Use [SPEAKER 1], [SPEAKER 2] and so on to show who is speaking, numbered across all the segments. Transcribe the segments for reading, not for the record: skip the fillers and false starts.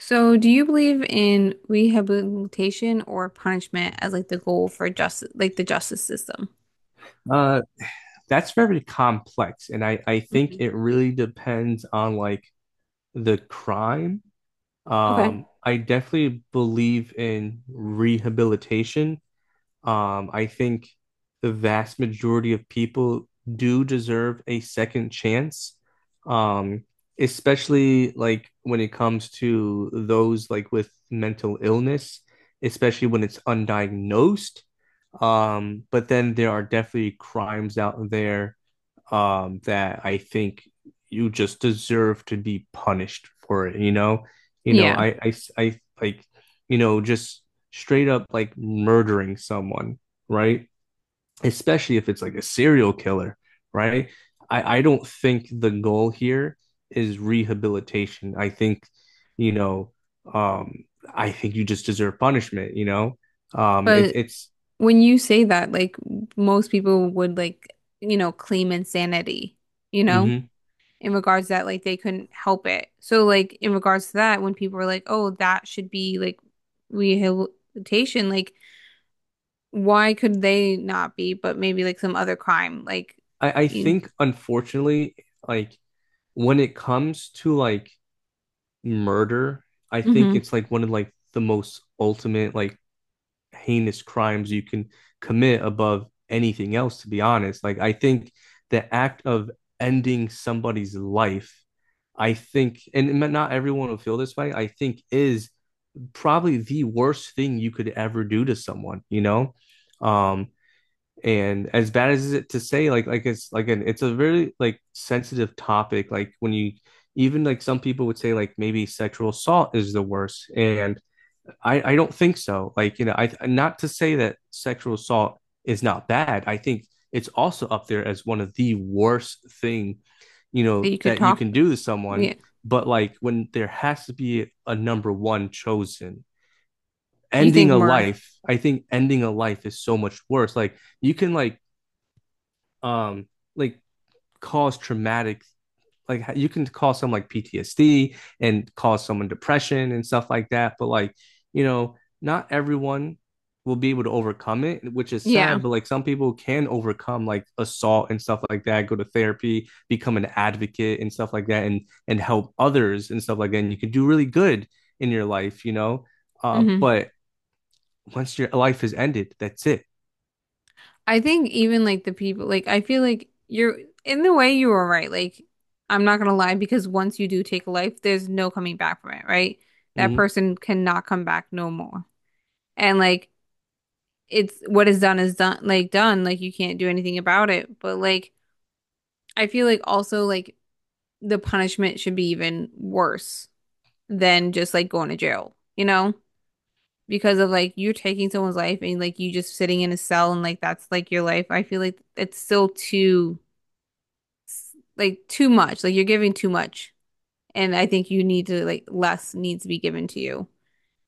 [SPEAKER 1] So, do you believe in rehabilitation or punishment as like the goal for justice, like the justice system?
[SPEAKER 2] Uh, that's very complex, and I think
[SPEAKER 1] Mhm.
[SPEAKER 2] it really depends on like the crime.
[SPEAKER 1] Okay.
[SPEAKER 2] I definitely believe in rehabilitation. I think the vast majority of people do deserve a second chance. Um, Especially like when it comes to those like with mental illness, especially when it's undiagnosed. But then there are definitely crimes out there that I think you just deserve to be punished for it. You know,
[SPEAKER 1] Yeah.
[SPEAKER 2] I like, you know, Just straight up like murdering someone, right? Especially if it's like a serial killer, right? I don't think the goal here is rehabilitation. I think, you know, um, I think you just deserve punishment. It,
[SPEAKER 1] But
[SPEAKER 2] it's.
[SPEAKER 1] when you say that, like most people would like, you know, claim insanity, you know,
[SPEAKER 2] Mm-hmm.
[SPEAKER 1] in regards to that like they couldn't help it. So, like in regards to that, when people are like, oh, that should be like rehabilitation, like why could they not be, but maybe like some other crime, like
[SPEAKER 2] I
[SPEAKER 1] you,
[SPEAKER 2] think unfortunately, like when it comes to like murder, I think
[SPEAKER 1] Mhm.
[SPEAKER 2] it's like one of like the most ultimate like heinous crimes you can commit above anything else, to be honest. Like I think the act of ending somebody's life, I think, and not everyone will feel this way, I think is probably the worst thing you could ever do to someone. Um, and as bad as it to say, like it's like an it's a very like sensitive topic. Like when you even like some people would say like maybe sexual assault is the worst. And I don't think so. Like, I not to say that sexual assault is not bad. I think it's also up there as one of the worst thing,
[SPEAKER 1] that you could
[SPEAKER 2] that you
[SPEAKER 1] talk.
[SPEAKER 2] can do to someone.
[SPEAKER 1] Yeah.
[SPEAKER 2] But like when there has to be a number one chosen,
[SPEAKER 1] You
[SPEAKER 2] ending
[SPEAKER 1] think
[SPEAKER 2] a
[SPEAKER 1] Myrtle?
[SPEAKER 2] life, I think ending a life is so much worse. Like you can um like cause traumatic like you can cause some like PTSD and cause someone depression and stuff like that but like not everyone will be able to overcome it which is
[SPEAKER 1] Yeah.
[SPEAKER 2] sad but like some people can overcome like assault and stuff like that, go to therapy, become an advocate and stuff like that and help others and stuff like that, and you can do really good in your life.
[SPEAKER 1] Hmm.
[SPEAKER 2] But once your life is ended, that's it.
[SPEAKER 1] I think even like the people, like I feel like you're in the way you were right. Like I'm not gonna lie because once you do take a life, there's no coming back from it, right? That
[SPEAKER 2] Hmm.
[SPEAKER 1] person cannot come back no more. And like it's what is done. Like you can't do anything about it. But like I feel like also like the punishment should be even worse than just like going to jail, you know? Because of like you're taking someone's life and like you just sitting in a cell and like that's like your life. I feel like it's still too like too much. Like you're giving too much. And I think you need to like less needs to be given to you.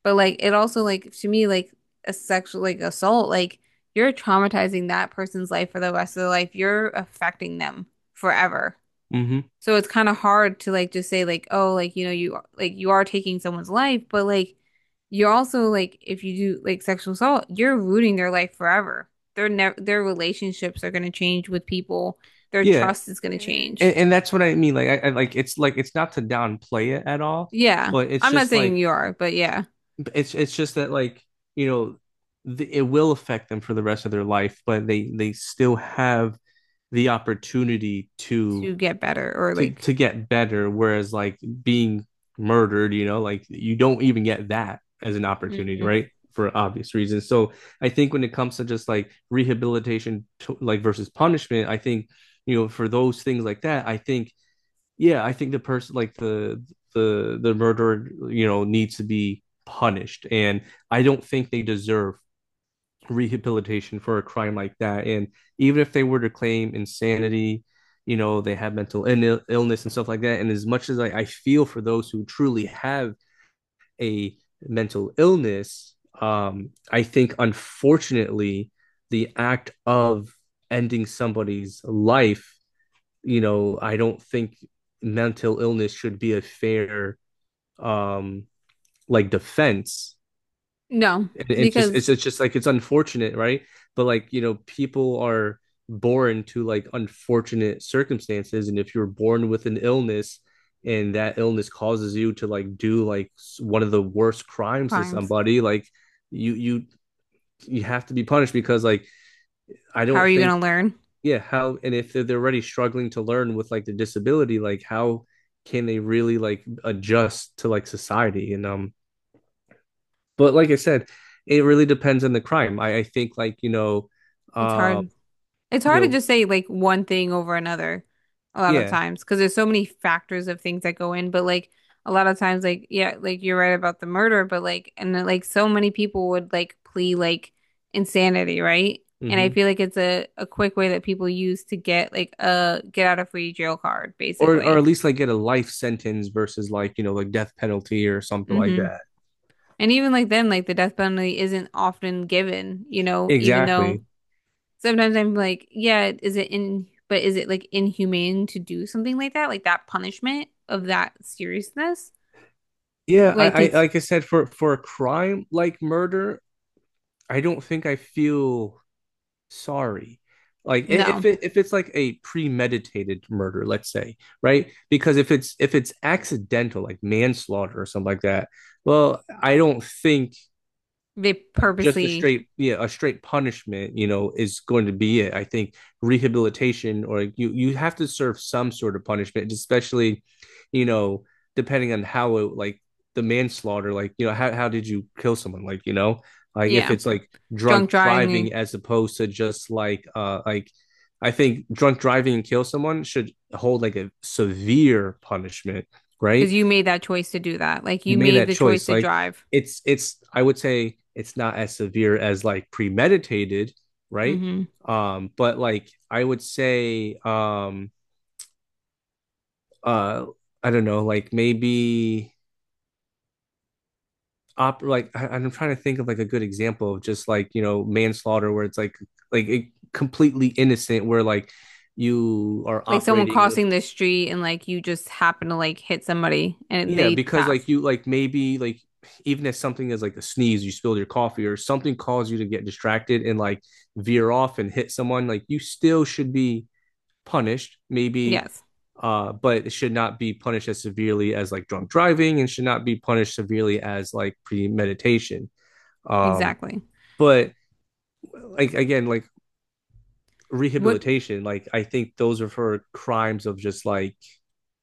[SPEAKER 1] But like it also like to me like a sexual like assault like you're traumatizing that person's life for the rest of their life. You're affecting them forever.
[SPEAKER 2] Hmm.
[SPEAKER 1] So it's kind of hard to like just say like, oh, like you know, you like you are taking someone's life, but like you're also like if you do like sexual assault, you're ruining their life forever. Their relationships are going to change with people. Their
[SPEAKER 2] Yeah,
[SPEAKER 1] trust is going to
[SPEAKER 2] and,
[SPEAKER 1] change.
[SPEAKER 2] and that's what I mean. Like, I like it's not to downplay it at all,
[SPEAKER 1] Yeah.
[SPEAKER 2] but it's
[SPEAKER 1] I'm not
[SPEAKER 2] just
[SPEAKER 1] saying
[SPEAKER 2] like
[SPEAKER 1] you are, but yeah,
[SPEAKER 2] it's just that like you know the, it will affect them for the rest of their life, but they still have the opportunity to
[SPEAKER 1] to get better or like
[SPEAKER 2] to get better. Whereas like being murdered, you know, like you don't even get that as an opportunity,
[SPEAKER 1] Mhm.
[SPEAKER 2] right? For obvious reasons. So I think when it comes to just like rehabilitation, like versus punishment, I think for those things like that, I think yeah, I think the person like the the murderer, you know, needs to be punished. And I don't think they deserve rehabilitation for a crime like that. And even if they were to claim insanity, you know, they have mental Ill- illness and stuff like that. And as much as I feel for those who truly have a mental illness, I think unfortunately the act of ending somebody's life, I don't think mental illness should be a fair um like defense.
[SPEAKER 1] No,
[SPEAKER 2] And just
[SPEAKER 1] because
[SPEAKER 2] it's just like it's unfortunate, right? But like, you know, people are born to like unfortunate circumstances, and if you're born with an illness and that illness causes you to like do like one of the worst crimes to
[SPEAKER 1] crimes.
[SPEAKER 2] somebody, like you you you have to be punished because like I
[SPEAKER 1] How
[SPEAKER 2] don't
[SPEAKER 1] are you going
[SPEAKER 2] think
[SPEAKER 1] to learn?
[SPEAKER 2] yeah how, and if they're already struggling to learn with like the disability, like how can they really like adjust to like society, and but like I said, it really depends on the crime. I think like
[SPEAKER 1] It's
[SPEAKER 2] um
[SPEAKER 1] hard. It's
[SPEAKER 2] you
[SPEAKER 1] hard to
[SPEAKER 2] know
[SPEAKER 1] just say like one thing over another a lot of
[SPEAKER 2] yeah.
[SPEAKER 1] times because there's so many factors of things that go in. But like a lot of times, like yeah, like you're right about the murder, but like and then, like so many people would like plea like insanity, right? And I
[SPEAKER 2] Hmm.
[SPEAKER 1] feel like it's a quick way that people use to get like a get out of free jail card,
[SPEAKER 2] Or
[SPEAKER 1] basically.
[SPEAKER 2] at least like get a life sentence versus like you know like death penalty or something like
[SPEAKER 1] Hmm.
[SPEAKER 2] that.
[SPEAKER 1] And even like then, like the death penalty isn't often given, you know, even though.
[SPEAKER 2] Exactly.
[SPEAKER 1] Sometimes I'm like, yeah, is it in, but is it like inhumane to do something like that? Like that punishment of that seriousness?
[SPEAKER 2] Yeah,
[SPEAKER 1] Like,
[SPEAKER 2] I
[SPEAKER 1] it's
[SPEAKER 2] like I said, for a crime like murder, I don't think I feel sorry. Like if
[SPEAKER 1] no,
[SPEAKER 2] it if it's like a premeditated murder, let's say, right? Because if it's accidental, like manslaughter or something like that, well, I don't think
[SPEAKER 1] they
[SPEAKER 2] like just a
[SPEAKER 1] purposely,
[SPEAKER 2] straight yeah a straight punishment, you know, is going to be it. I think rehabilitation or you have to serve some sort of punishment, especially, you know, depending on how it like the manslaughter, like you know how did you kill someone, like you know, like if
[SPEAKER 1] yeah,
[SPEAKER 2] it's like
[SPEAKER 1] drunk
[SPEAKER 2] drunk
[SPEAKER 1] driving
[SPEAKER 2] driving as opposed to just like I think drunk driving and kill someone should hold like a severe punishment,
[SPEAKER 1] because
[SPEAKER 2] right?
[SPEAKER 1] you made that choice to do that. Like,
[SPEAKER 2] You
[SPEAKER 1] you
[SPEAKER 2] made
[SPEAKER 1] made
[SPEAKER 2] that
[SPEAKER 1] the choice
[SPEAKER 2] choice.
[SPEAKER 1] to
[SPEAKER 2] Like
[SPEAKER 1] drive.
[SPEAKER 2] it's I would say it's not as severe as like premeditated, right?
[SPEAKER 1] Hmm.
[SPEAKER 2] But like I would say uh I don't know, like maybe op like I'm trying to think of like a good example of just like, you know, manslaughter where it's like like it, completely innocent where like you are
[SPEAKER 1] Like someone
[SPEAKER 2] operating.
[SPEAKER 1] crossing the street and like you just happen to like hit somebody and
[SPEAKER 2] Yeah,
[SPEAKER 1] they
[SPEAKER 2] because
[SPEAKER 1] pass.
[SPEAKER 2] like you like maybe like even if something is like a sneeze, you spilled your coffee or something caused you to get distracted and like veer off and hit someone, like you still should be punished, maybe.
[SPEAKER 1] Yes,
[SPEAKER 2] But it should not be punished as severely as like drunk driving, and should not be punished severely as like premeditation. Um,
[SPEAKER 1] exactly.
[SPEAKER 2] but like again, like
[SPEAKER 1] What?
[SPEAKER 2] rehabilitation, like I think those are for crimes of just like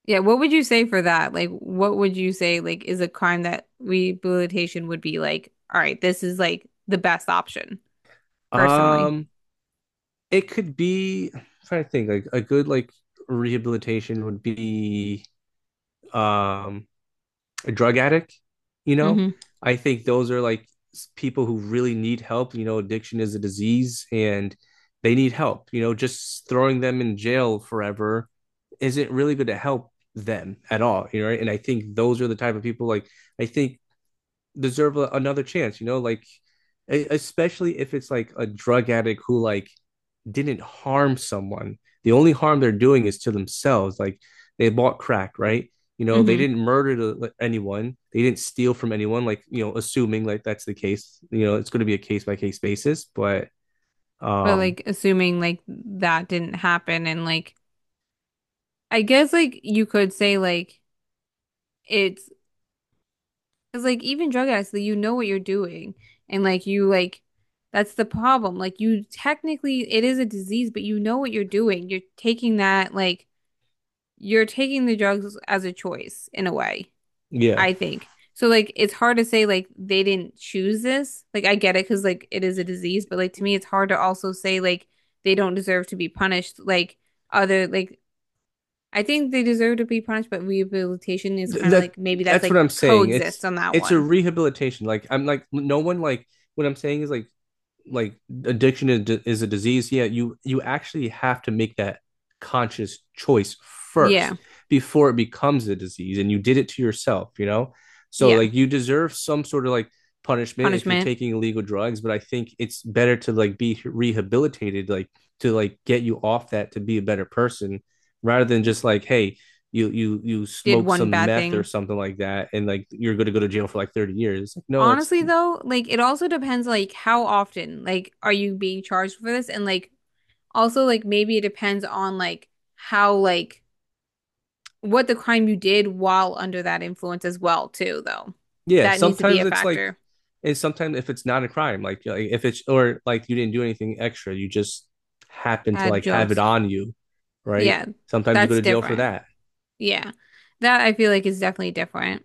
[SPEAKER 1] Yeah, what would you say for that? Like, what would you say like is a crime that rehabilitation would be like, all right, this is like the best option, personally.
[SPEAKER 2] um it could be. I'm trying to think like a good like rehabilitation would be um a drug addict, you know?
[SPEAKER 1] Hmm.
[SPEAKER 2] I think those are like s- people who really need help, you know, addiction is a disease and they need help. You know, just throwing them in jail forever isn't really going to help them at all, you know, right? And I think those are the type of people like I think deserve a, another chance, you know, like e- especially if it's like a drug addict who like didn't harm someone. The only harm they're doing is to themselves. Like they bought crack, right? You know, they
[SPEAKER 1] Hmm.
[SPEAKER 2] didn't murder anyone. They didn't steal from anyone. Like you know, assuming like that's the case. You know, it's going to be a case by case basis. But
[SPEAKER 1] But
[SPEAKER 2] um,
[SPEAKER 1] like assuming like that didn't happen and like I guess like you could say like it's because like even drug addicts, like, you know what you're doing and like you like that's the problem. Like you technically it is a disease, but you know what you're doing. You're taking that like you're taking the drugs as a choice in a way.
[SPEAKER 2] yeah.
[SPEAKER 1] I think. So like it's hard to say like they didn't choose this. Like I get it because like it is a disease, but like to me it's hard to also say like they don't deserve to be punished. Like other like I think they deserve to be punished, but rehabilitation is
[SPEAKER 2] Th-
[SPEAKER 1] kind of
[SPEAKER 2] that
[SPEAKER 1] like maybe that's
[SPEAKER 2] that's what
[SPEAKER 1] like
[SPEAKER 2] I'm saying.
[SPEAKER 1] coexist on that
[SPEAKER 2] It's a
[SPEAKER 1] one.
[SPEAKER 2] rehabilitation. Like I'm like no one like what I'm saying is like like addiction is a disease, yeah, you actually have to make that conscious choice
[SPEAKER 1] Yeah.
[SPEAKER 2] first before it becomes a disease, and you did it to yourself, you know, so
[SPEAKER 1] Yeah.
[SPEAKER 2] like you deserve some sort of like punishment if you're
[SPEAKER 1] Punishment
[SPEAKER 2] taking illegal drugs, but I think it's better to like be rehabilitated, like to like get you off that, to be a better person, rather than just like hey, you
[SPEAKER 1] did
[SPEAKER 2] smoke
[SPEAKER 1] one
[SPEAKER 2] some
[SPEAKER 1] bad
[SPEAKER 2] meth or
[SPEAKER 1] thing.
[SPEAKER 2] something like that and like you're going to go to jail for like 30 years, it's like no, that's
[SPEAKER 1] Honestly though, like it also depends like how often like are you being charged for this and like also like maybe it depends on like how like what the crime you did while under that influence as well, too, though.
[SPEAKER 2] Yeah,
[SPEAKER 1] That needs to be
[SPEAKER 2] sometimes
[SPEAKER 1] a
[SPEAKER 2] it's like,
[SPEAKER 1] factor.
[SPEAKER 2] and sometimes if it's not a crime, like if it's or like you didn't do anything extra, you just happen to
[SPEAKER 1] Add
[SPEAKER 2] like have it
[SPEAKER 1] drugs.
[SPEAKER 2] on you, right?
[SPEAKER 1] Yeah,
[SPEAKER 2] Sometimes you go
[SPEAKER 1] that's
[SPEAKER 2] to jail for
[SPEAKER 1] different.
[SPEAKER 2] that.
[SPEAKER 1] Yeah. That I feel like is definitely different.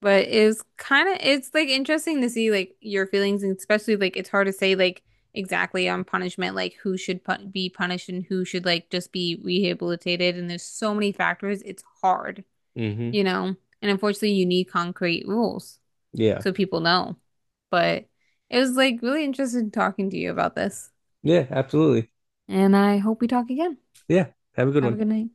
[SPEAKER 1] But it's kind of it's like interesting to see like your feelings and especially like it's hard to say like exactly on punishment like who should pu be punished and who should like just be rehabilitated and there's so many factors. It's hard,
[SPEAKER 2] Hmm.
[SPEAKER 1] you know. And unfortunately, you need concrete rules,
[SPEAKER 2] Yeah,
[SPEAKER 1] so people know. But it was like really interesting talking to you about this.
[SPEAKER 2] yeah, absolutely.
[SPEAKER 1] And I hope we talk again.
[SPEAKER 2] Yeah, have a good
[SPEAKER 1] Have a
[SPEAKER 2] one.
[SPEAKER 1] good night.